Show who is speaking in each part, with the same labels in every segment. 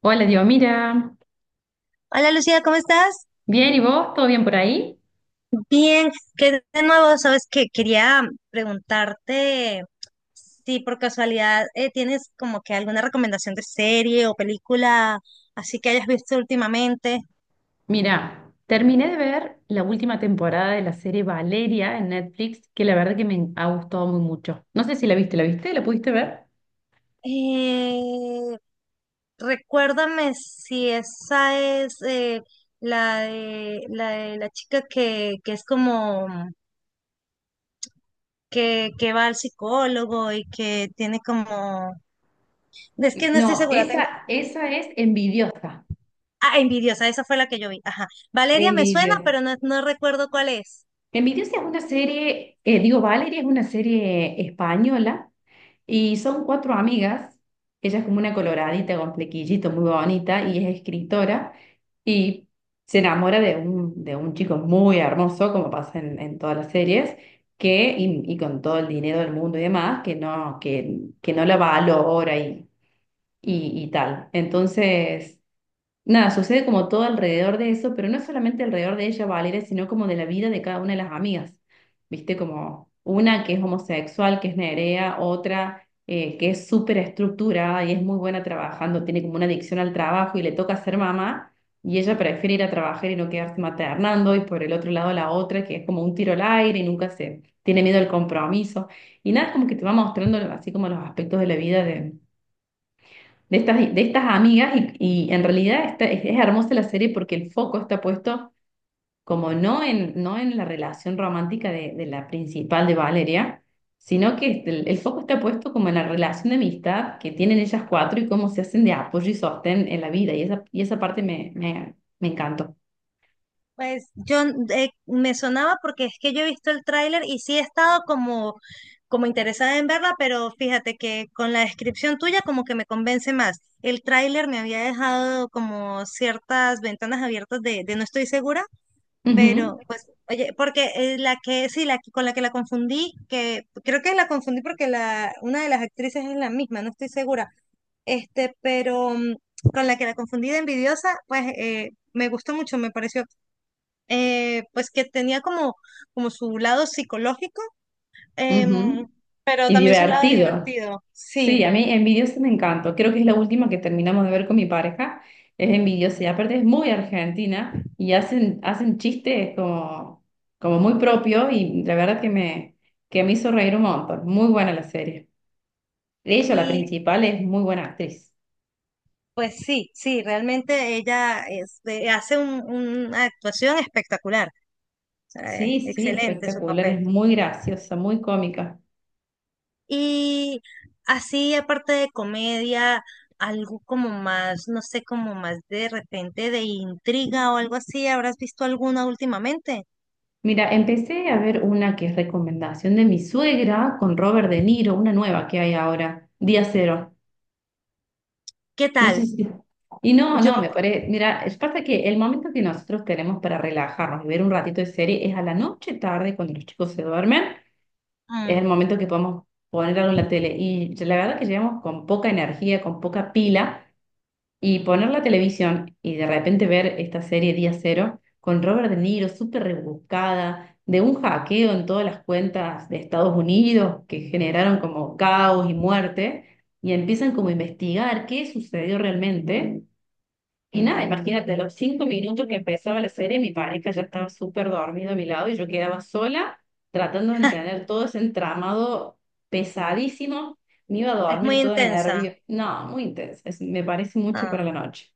Speaker 1: Hola, Dios, mira.
Speaker 2: Hola Lucía, ¿cómo estás?
Speaker 1: Bien, ¿y vos? ¿Todo bien por ahí?
Speaker 2: Bien, que de nuevo, sabes que quería preguntarte si por casualidad tienes como que alguna recomendación de serie o película así que hayas visto últimamente.
Speaker 1: Mira, terminé de ver la última temporada de la serie Valeria en Netflix, que la verdad que me ha gustado muy mucho. No sé si la viste, ¿la viste? ¿La pudiste ver?
Speaker 2: Eh, recuérdame si esa es la de, la de la chica que es como que va al psicólogo y que tiene como... Es que no estoy
Speaker 1: No,
Speaker 2: segura, tengo.
Speaker 1: esa es envidiosa.
Speaker 2: Ah, envidiosa, esa fue la que yo vi. Ajá. Valeria me suena,
Speaker 1: Envidiosa.
Speaker 2: pero no, no recuerdo cuál es.
Speaker 1: Envidiosa es una serie, digo, Valeria es una serie española y son cuatro amigas. Ella es como una coloradita con flequillito muy bonita y es escritora y se enamora de un chico muy hermoso, como pasa en todas las series, que, y con todo el dinero del mundo y demás, que no la valora y tal. Entonces, nada, sucede como todo alrededor de eso, pero no solamente alrededor de ella, Valeria, sino como de la vida de cada una de las amigas. Viste, como una que es homosexual, que es Nerea, otra que es súper estructurada y es muy buena trabajando, tiene como una adicción al trabajo y le toca ser mamá, y ella prefiere ir a trabajar y no quedarse maternando, y por el otro lado la otra que es como un tiro al aire y nunca se tiene miedo al compromiso. Y nada, es como que te va mostrando así como los aspectos de la vida de estas amigas y en realidad es hermosa la serie porque el foco está puesto como no en, no en la relación romántica de la principal de Valeria, sino que este, el foco está puesto como en la relación de amistad que tienen ellas cuatro y cómo se hacen de apoyo y sostén en la vida y esa parte me encantó.
Speaker 2: Pues yo me sonaba porque es que yo he visto el tráiler y sí he estado como, como interesada en verla, pero fíjate que con la descripción tuya como que me convence más. El tráiler me había dejado como ciertas ventanas abiertas de no estoy segura,
Speaker 1: Ujú.
Speaker 2: pero pues, oye, porque la que, sí, con la que la confundí, que creo que la confundí porque la, una de las actrices es la misma, no estoy segura este, pero con la que la confundí de envidiosa, pues me gustó mucho, me pareció, pues que tenía como, como su lado psicológico, em,
Speaker 1: Ujú.
Speaker 2: pero
Speaker 1: Y
Speaker 2: también su lado
Speaker 1: divertido.
Speaker 2: divertido,
Speaker 1: Sí,
Speaker 2: sí.
Speaker 1: a mí Envidiosa me encanta. Creo que es la última que terminamos de ver con mi pareja. Es Envidiosa y aparte es muy argentina y hacen chistes como, como muy propio y la verdad que me hizo reír un montón. Muy buena la serie. Ella, la
Speaker 2: Y
Speaker 1: principal, es muy buena actriz.
Speaker 2: pues sí, sí, realmente hace una actuación espectacular, o sea, es
Speaker 1: Sí, sí,
Speaker 2: excelente su
Speaker 1: espectacular.
Speaker 2: papel.
Speaker 1: Es muy graciosa, muy cómica.
Speaker 2: Y así, aparte de comedia, algo como más, no sé, como más de repente de intriga o algo así, ¿habrás visto alguna últimamente?
Speaker 1: Mira, empecé a ver una que es recomendación de mi suegra con Robert De Niro, una nueva que hay ahora, Día Cero.
Speaker 2: ¿Qué
Speaker 1: No sé
Speaker 2: tal?
Speaker 1: si... Y no,
Speaker 2: Yo,
Speaker 1: no, me parece... Mira, es pasa que el momento que nosotros tenemos para relajarnos y ver un ratito de serie es a la noche tarde, cuando los chicos se duermen, es
Speaker 2: mm,
Speaker 1: el momento que podemos poner algo en la tele. Y la verdad que llegamos con poca energía, con poca pila, y poner la televisión y de repente ver esta serie Día Cero con Robert De Niro, súper rebuscada, de un hackeo en todas las cuentas de Estados Unidos que generaron
Speaker 2: ah,
Speaker 1: como caos y muerte y empiezan como a investigar qué sucedió realmente. Y nada, imagínate, a los 5 minutos que empezaba la serie, mi pareja ya estaba súper dormido a mi lado y yo quedaba sola tratando de entender todo ese entramado pesadísimo. Me iba a
Speaker 2: es
Speaker 1: dormir
Speaker 2: muy
Speaker 1: toda
Speaker 2: intensa.
Speaker 1: nervio. No, muy intenso. Me parece mucho para
Speaker 2: Ah.
Speaker 1: la noche.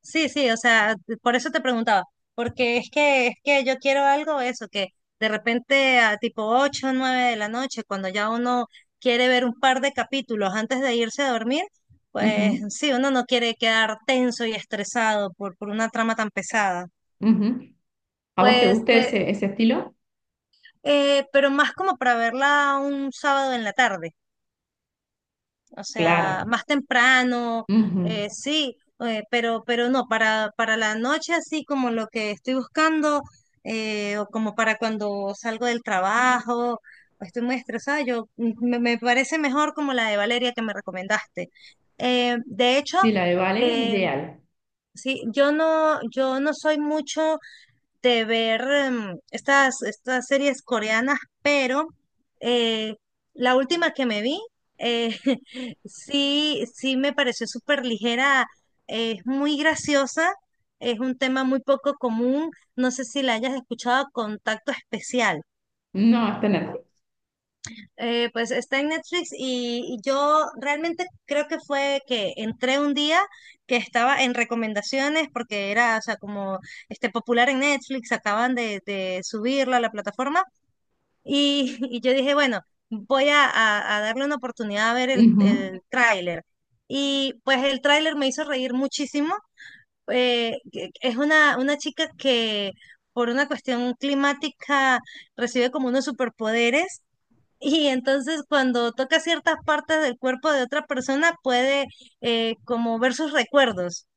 Speaker 2: Sí, sí, o sea, por eso te preguntaba, porque es que yo quiero algo eso, que de repente a tipo 8 o 9 de la noche, cuando ya uno quiere ver un par de capítulos antes de irse a dormir, pues
Speaker 1: Ujú,
Speaker 2: sí, uno no quiere quedar tenso y estresado por una trama tan pesada.
Speaker 1: ujú. ¿A vos te
Speaker 2: Pues,
Speaker 1: gusta
Speaker 2: te-
Speaker 1: ese estilo?
Speaker 2: pero más como para verla un sábado en la tarde. O sea,
Speaker 1: Claro.
Speaker 2: más temprano,
Speaker 1: Ujú.
Speaker 2: sí, pero no, para la noche así como lo que estoy buscando, o como para cuando salgo del trabajo, o estoy muy estresada, me, me parece mejor como la de Valeria que me recomendaste. De hecho,
Speaker 1: Sí, la de Valeria es
Speaker 2: eh,
Speaker 1: ideal.
Speaker 2: sí, yo no, yo no soy mucho de ver estas, estas series coreanas, pero eh, la última que me vi, eh, sí, sí me pareció súper ligera, es muy graciosa, es un tema muy poco común, no sé si la hayas escuchado, Contacto Especial.
Speaker 1: No, está en Netflix.
Speaker 2: Pues está en Netflix y yo realmente creo que fue que entré un día que estaba en recomendaciones porque era, o sea, como este popular en Netflix, acaban de subirlo a la plataforma y, y yo dije, bueno, a darle una oportunidad a ver
Speaker 1: Ujú.
Speaker 2: el tráiler. Y pues el tráiler me hizo reír muchísimo. Es una chica que por una cuestión climática recibe como unos superpoderes y entonces cuando toca ciertas partes del cuerpo de otra persona puede como ver sus recuerdos.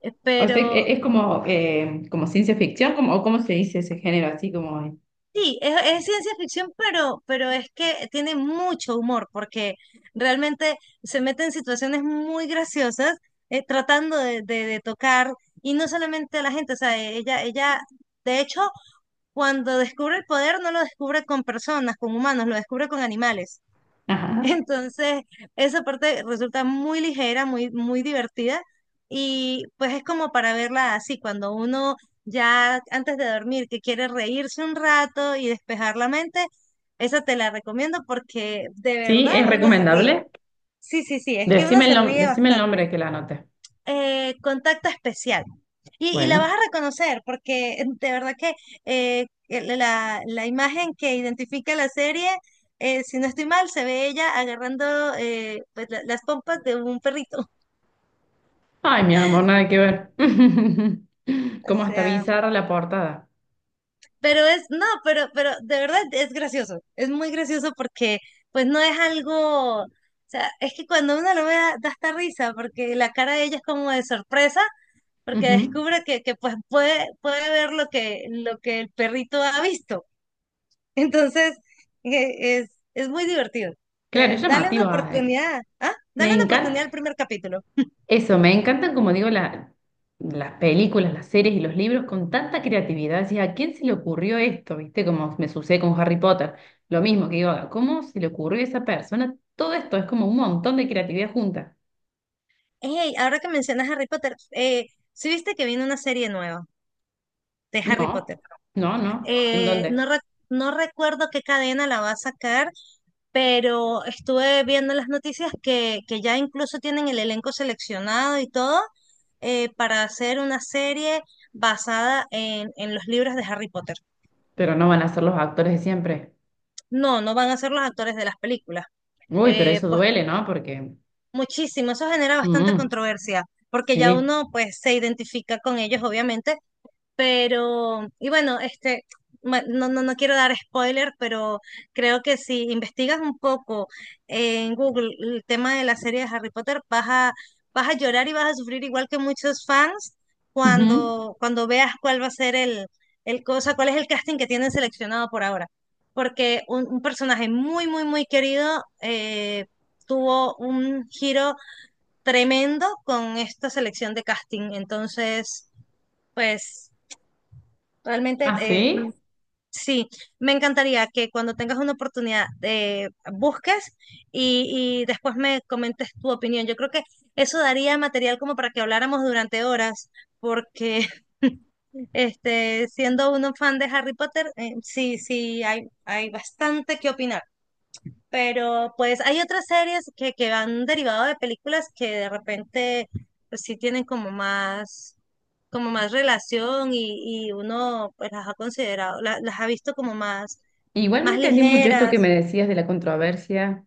Speaker 1: O sea,
Speaker 2: Pero
Speaker 1: es como, como ciencia ficción, como, o cómo se dice ese género, así como...
Speaker 2: sí, es ciencia ficción, pero es que tiene mucho humor porque realmente se mete en situaciones muy graciosas tratando de, de tocar y no solamente a la gente, o sea, ella, de hecho, cuando descubre el poder no lo descubre con personas, con humanos, lo descubre con animales.
Speaker 1: Ajá.
Speaker 2: Entonces, esa parte resulta muy ligera, muy, muy divertida y pues es como para verla así, cuando uno ya antes de dormir que quiere reírse un rato y despejar la mente, esa te la recomiendo porque de
Speaker 1: Sí,
Speaker 2: verdad
Speaker 1: es
Speaker 2: uno se ríe.
Speaker 1: recomendable.
Speaker 2: Sí, sí, sí, es que uno
Speaker 1: Decime el,
Speaker 2: se
Speaker 1: nom-
Speaker 2: ríe
Speaker 1: decime el
Speaker 2: bastante.
Speaker 1: nombre que la anote.
Speaker 2: Contacto especial. Y la vas
Speaker 1: Bueno.
Speaker 2: a reconocer porque de verdad que la, la imagen que identifica la serie, si no estoy mal, se ve ella agarrando pues, las pompas de un perrito.
Speaker 1: Ay, mi amor, nada que ver.
Speaker 2: O
Speaker 1: Como hasta
Speaker 2: sea,
Speaker 1: bizarra la portada.
Speaker 2: pero es, no, pero de verdad es gracioso. Es muy gracioso porque pues no es algo, o sea, es que cuando uno lo ve da hasta risa porque la cara de ella es como de sorpresa porque
Speaker 1: Ujú.
Speaker 2: descubre que pues puede, puede ver lo que el perrito ha visto. Entonces, es muy divertido.
Speaker 1: Claro, es
Speaker 2: Dale una
Speaker 1: llamativa.
Speaker 2: oportunidad. Ah,
Speaker 1: Me
Speaker 2: dale una
Speaker 1: encanta.
Speaker 2: oportunidad al primer capítulo.
Speaker 1: Eso, me encantan, como digo, las películas, las series y los libros con tanta creatividad. Decís, ¿a quién se le ocurrió esto? ¿Viste? Como me sucede con Harry Potter. Lo mismo que digo, ¿cómo se le ocurrió a esa persona? Todo esto es como un montón de creatividad junta.
Speaker 2: Hey, ahora que mencionas Harry Potter, ¿sí viste que viene una serie nueva de Harry
Speaker 1: No,
Speaker 2: Potter?
Speaker 1: no, no. ¿En
Speaker 2: Eh,
Speaker 1: dónde?
Speaker 2: no, re- no recuerdo qué cadena la va a sacar, pero estuve viendo las noticias que ya incluso tienen el elenco seleccionado y todo para hacer una serie basada en los libros de Harry Potter.
Speaker 1: Pero no van a ser los actores de siempre.
Speaker 2: No, no van a ser los actores de las películas.
Speaker 1: Uy, pero eso
Speaker 2: Pues
Speaker 1: duele, ¿no? Porque...
Speaker 2: muchísimo, eso genera bastante
Speaker 1: Mm,
Speaker 2: controversia, porque ya
Speaker 1: sí.
Speaker 2: uno pues se identifica con ellos, obviamente. Pero, y bueno, este, no, no, no quiero dar spoiler, pero creo que si investigas un poco en Google el tema de la serie de Harry Potter, vas a, vas a llorar y vas a sufrir igual que muchos fans
Speaker 1: Ujú.
Speaker 2: cuando, cuando veas cuál va a ser el, cuál es el casting que tienen seleccionado por ahora. Porque un personaje muy, muy, muy querido tuvo un giro tremendo con esta selección de casting. Entonces, pues realmente,
Speaker 1: ¿Ah, sí?
Speaker 2: sí, me encantaría que cuando tengas una oportunidad busques y después me comentes tu opinión. Yo creo que eso daría material como para que habláramos durante horas, porque este, siendo uno fan de Harry Potter, sí, sí, hay bastante que opinar. Pero pues hay otras series que han derivado de películas que de repente pues, sí tienen como más relación y uno pues las ha considerado, las ha visto como más,
Speaker 1: Igual no
Speaker 2: más
Speaker 1: entendí mucho esto que me
Speaker 2: ligeras.
Speaker 1: decías de la controversia.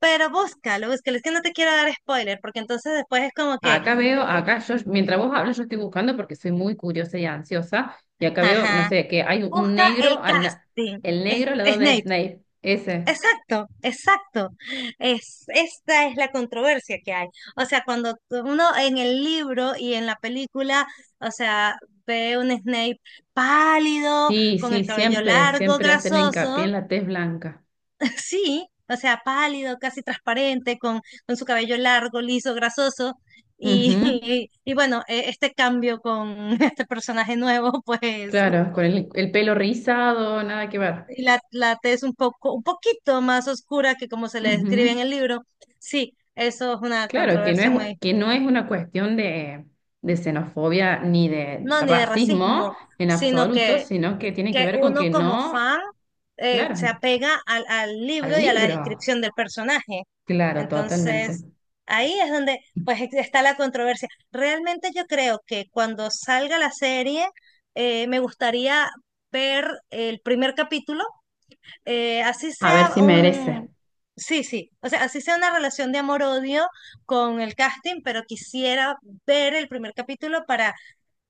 Speaker 2: Pero búscalo, búscalo. Es que no te quiero dar spoiler, porque entonces después es como que,
Speaker 1: Acá veo, acá yo, mientras vos hablas, yo estoy buscando porque soy muy curiosa y ansiosa. Y acá veo, no
Speaker 2: ajá,
Speaker 1: sé, que hay un
Speaker 2: busca el
Speaker 1: negro,
Speaker 2: casting.
Speaker 1: el
Speaker 2: Es,
Speaker 1: negro al lado de
Speaker 2: Snape.
Speaker 1: Snape. Ese.
Speaker 2: Exacto, exacto. Es, esta es la controversia que hay. O sea, uno en el libro y en la película, o sea, ve un Snape pálido,
Speaker 1: Sí,
Speaker 2: con
Speaker 1: sí,
Speaker 2: el cabello
Speaker 1: siempre,
Speaker 2: largo,
Speaker 1: siempre hacen hincapié
Speaker 2: grasoso,
Speaker 1: en la tez blanca.
Speaker 2: sí, o sea, pálido, casi transparente, con su cabello largo, liso, grasoso. Y,
Speaker 1: Ujú.
Speaker 2: y, bueno, este cambio con este personaje nuevo, pues.
Speaker 1: Claro, con el pelo rizado, nada que ver.
Speaker 2: Y la, la T es un poco, un poquito más oscura que como se le describe en
Speaker 1: Ujú.
Speaker 2: el libro. Sí, eso es una
Speaker 1: Claro, que no
Speaker 2: controversia
Speaker 1: es,
Speaker 2: muy,
Speaker 1: que no es una cuestión de xenofobia ni de
Speaker 2: no ni de racismo,
Speaker 1: racismo en
Speaker 2: sino
Speaker 1: absoluto, sino que tiene que
Speaker 2: que
Speaker 1: ver con
Speaker 2: uno
Speaker 1: que
Speaker 2: como
Speaker 1: no,
Speaker 2: fan se
Speaker 1: claro,
Speaker 2: apega al, al libro
Speaker 1: al
Speaker 2: y a la
Speaker 1: libro.
Speaker 2: descripción del personaje.
Speaker 1: Claro, totalmente.
Speaker 2: Entonces, ahí es donde está la controversia. Realmente yo creo que cuando salga la serie, me gustaría ver el primer capítulo así
Speaker 1: A ver
Speaker 2: sea
Speaker 1: si merece.
Speaker 2: un, sí, sí, o sea, así sea una relación de amor-odio con el casting, pero quisiera ver el primer capítulo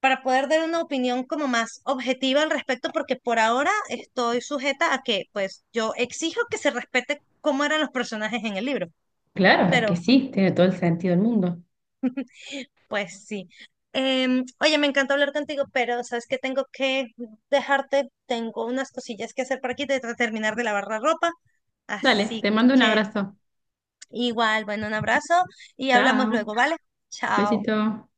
Speaker 2: para poder dar una opinión como más objetiva al respecto, porque por ahora estoy sujeta a que, pues, yo exijo que se respete cómo eran los personajes en el libro,
Speaker 1: Claro, es
Speaker 2: pero
Speaker 1: que sí, tiene todo el sentido del mundo.
Speaker 2: pues sí. Oye, me encantó hablar contigo, pero sabes que tengo que dejarte, tengo unas cosillas que hacer por aquí, de terminar de lavar la ropa,
Speaker 1: Dale,
Speaker 2: así
Speaker 1: te mando un
Speaker 2: que
Speaker 1: abrazo.
Speaker 2: igual, bueno, un abrazo y hablamos
Speaker 1: Chao,
Speaker 2: luego, ¿vale? Chao.
Speaker 1: besito.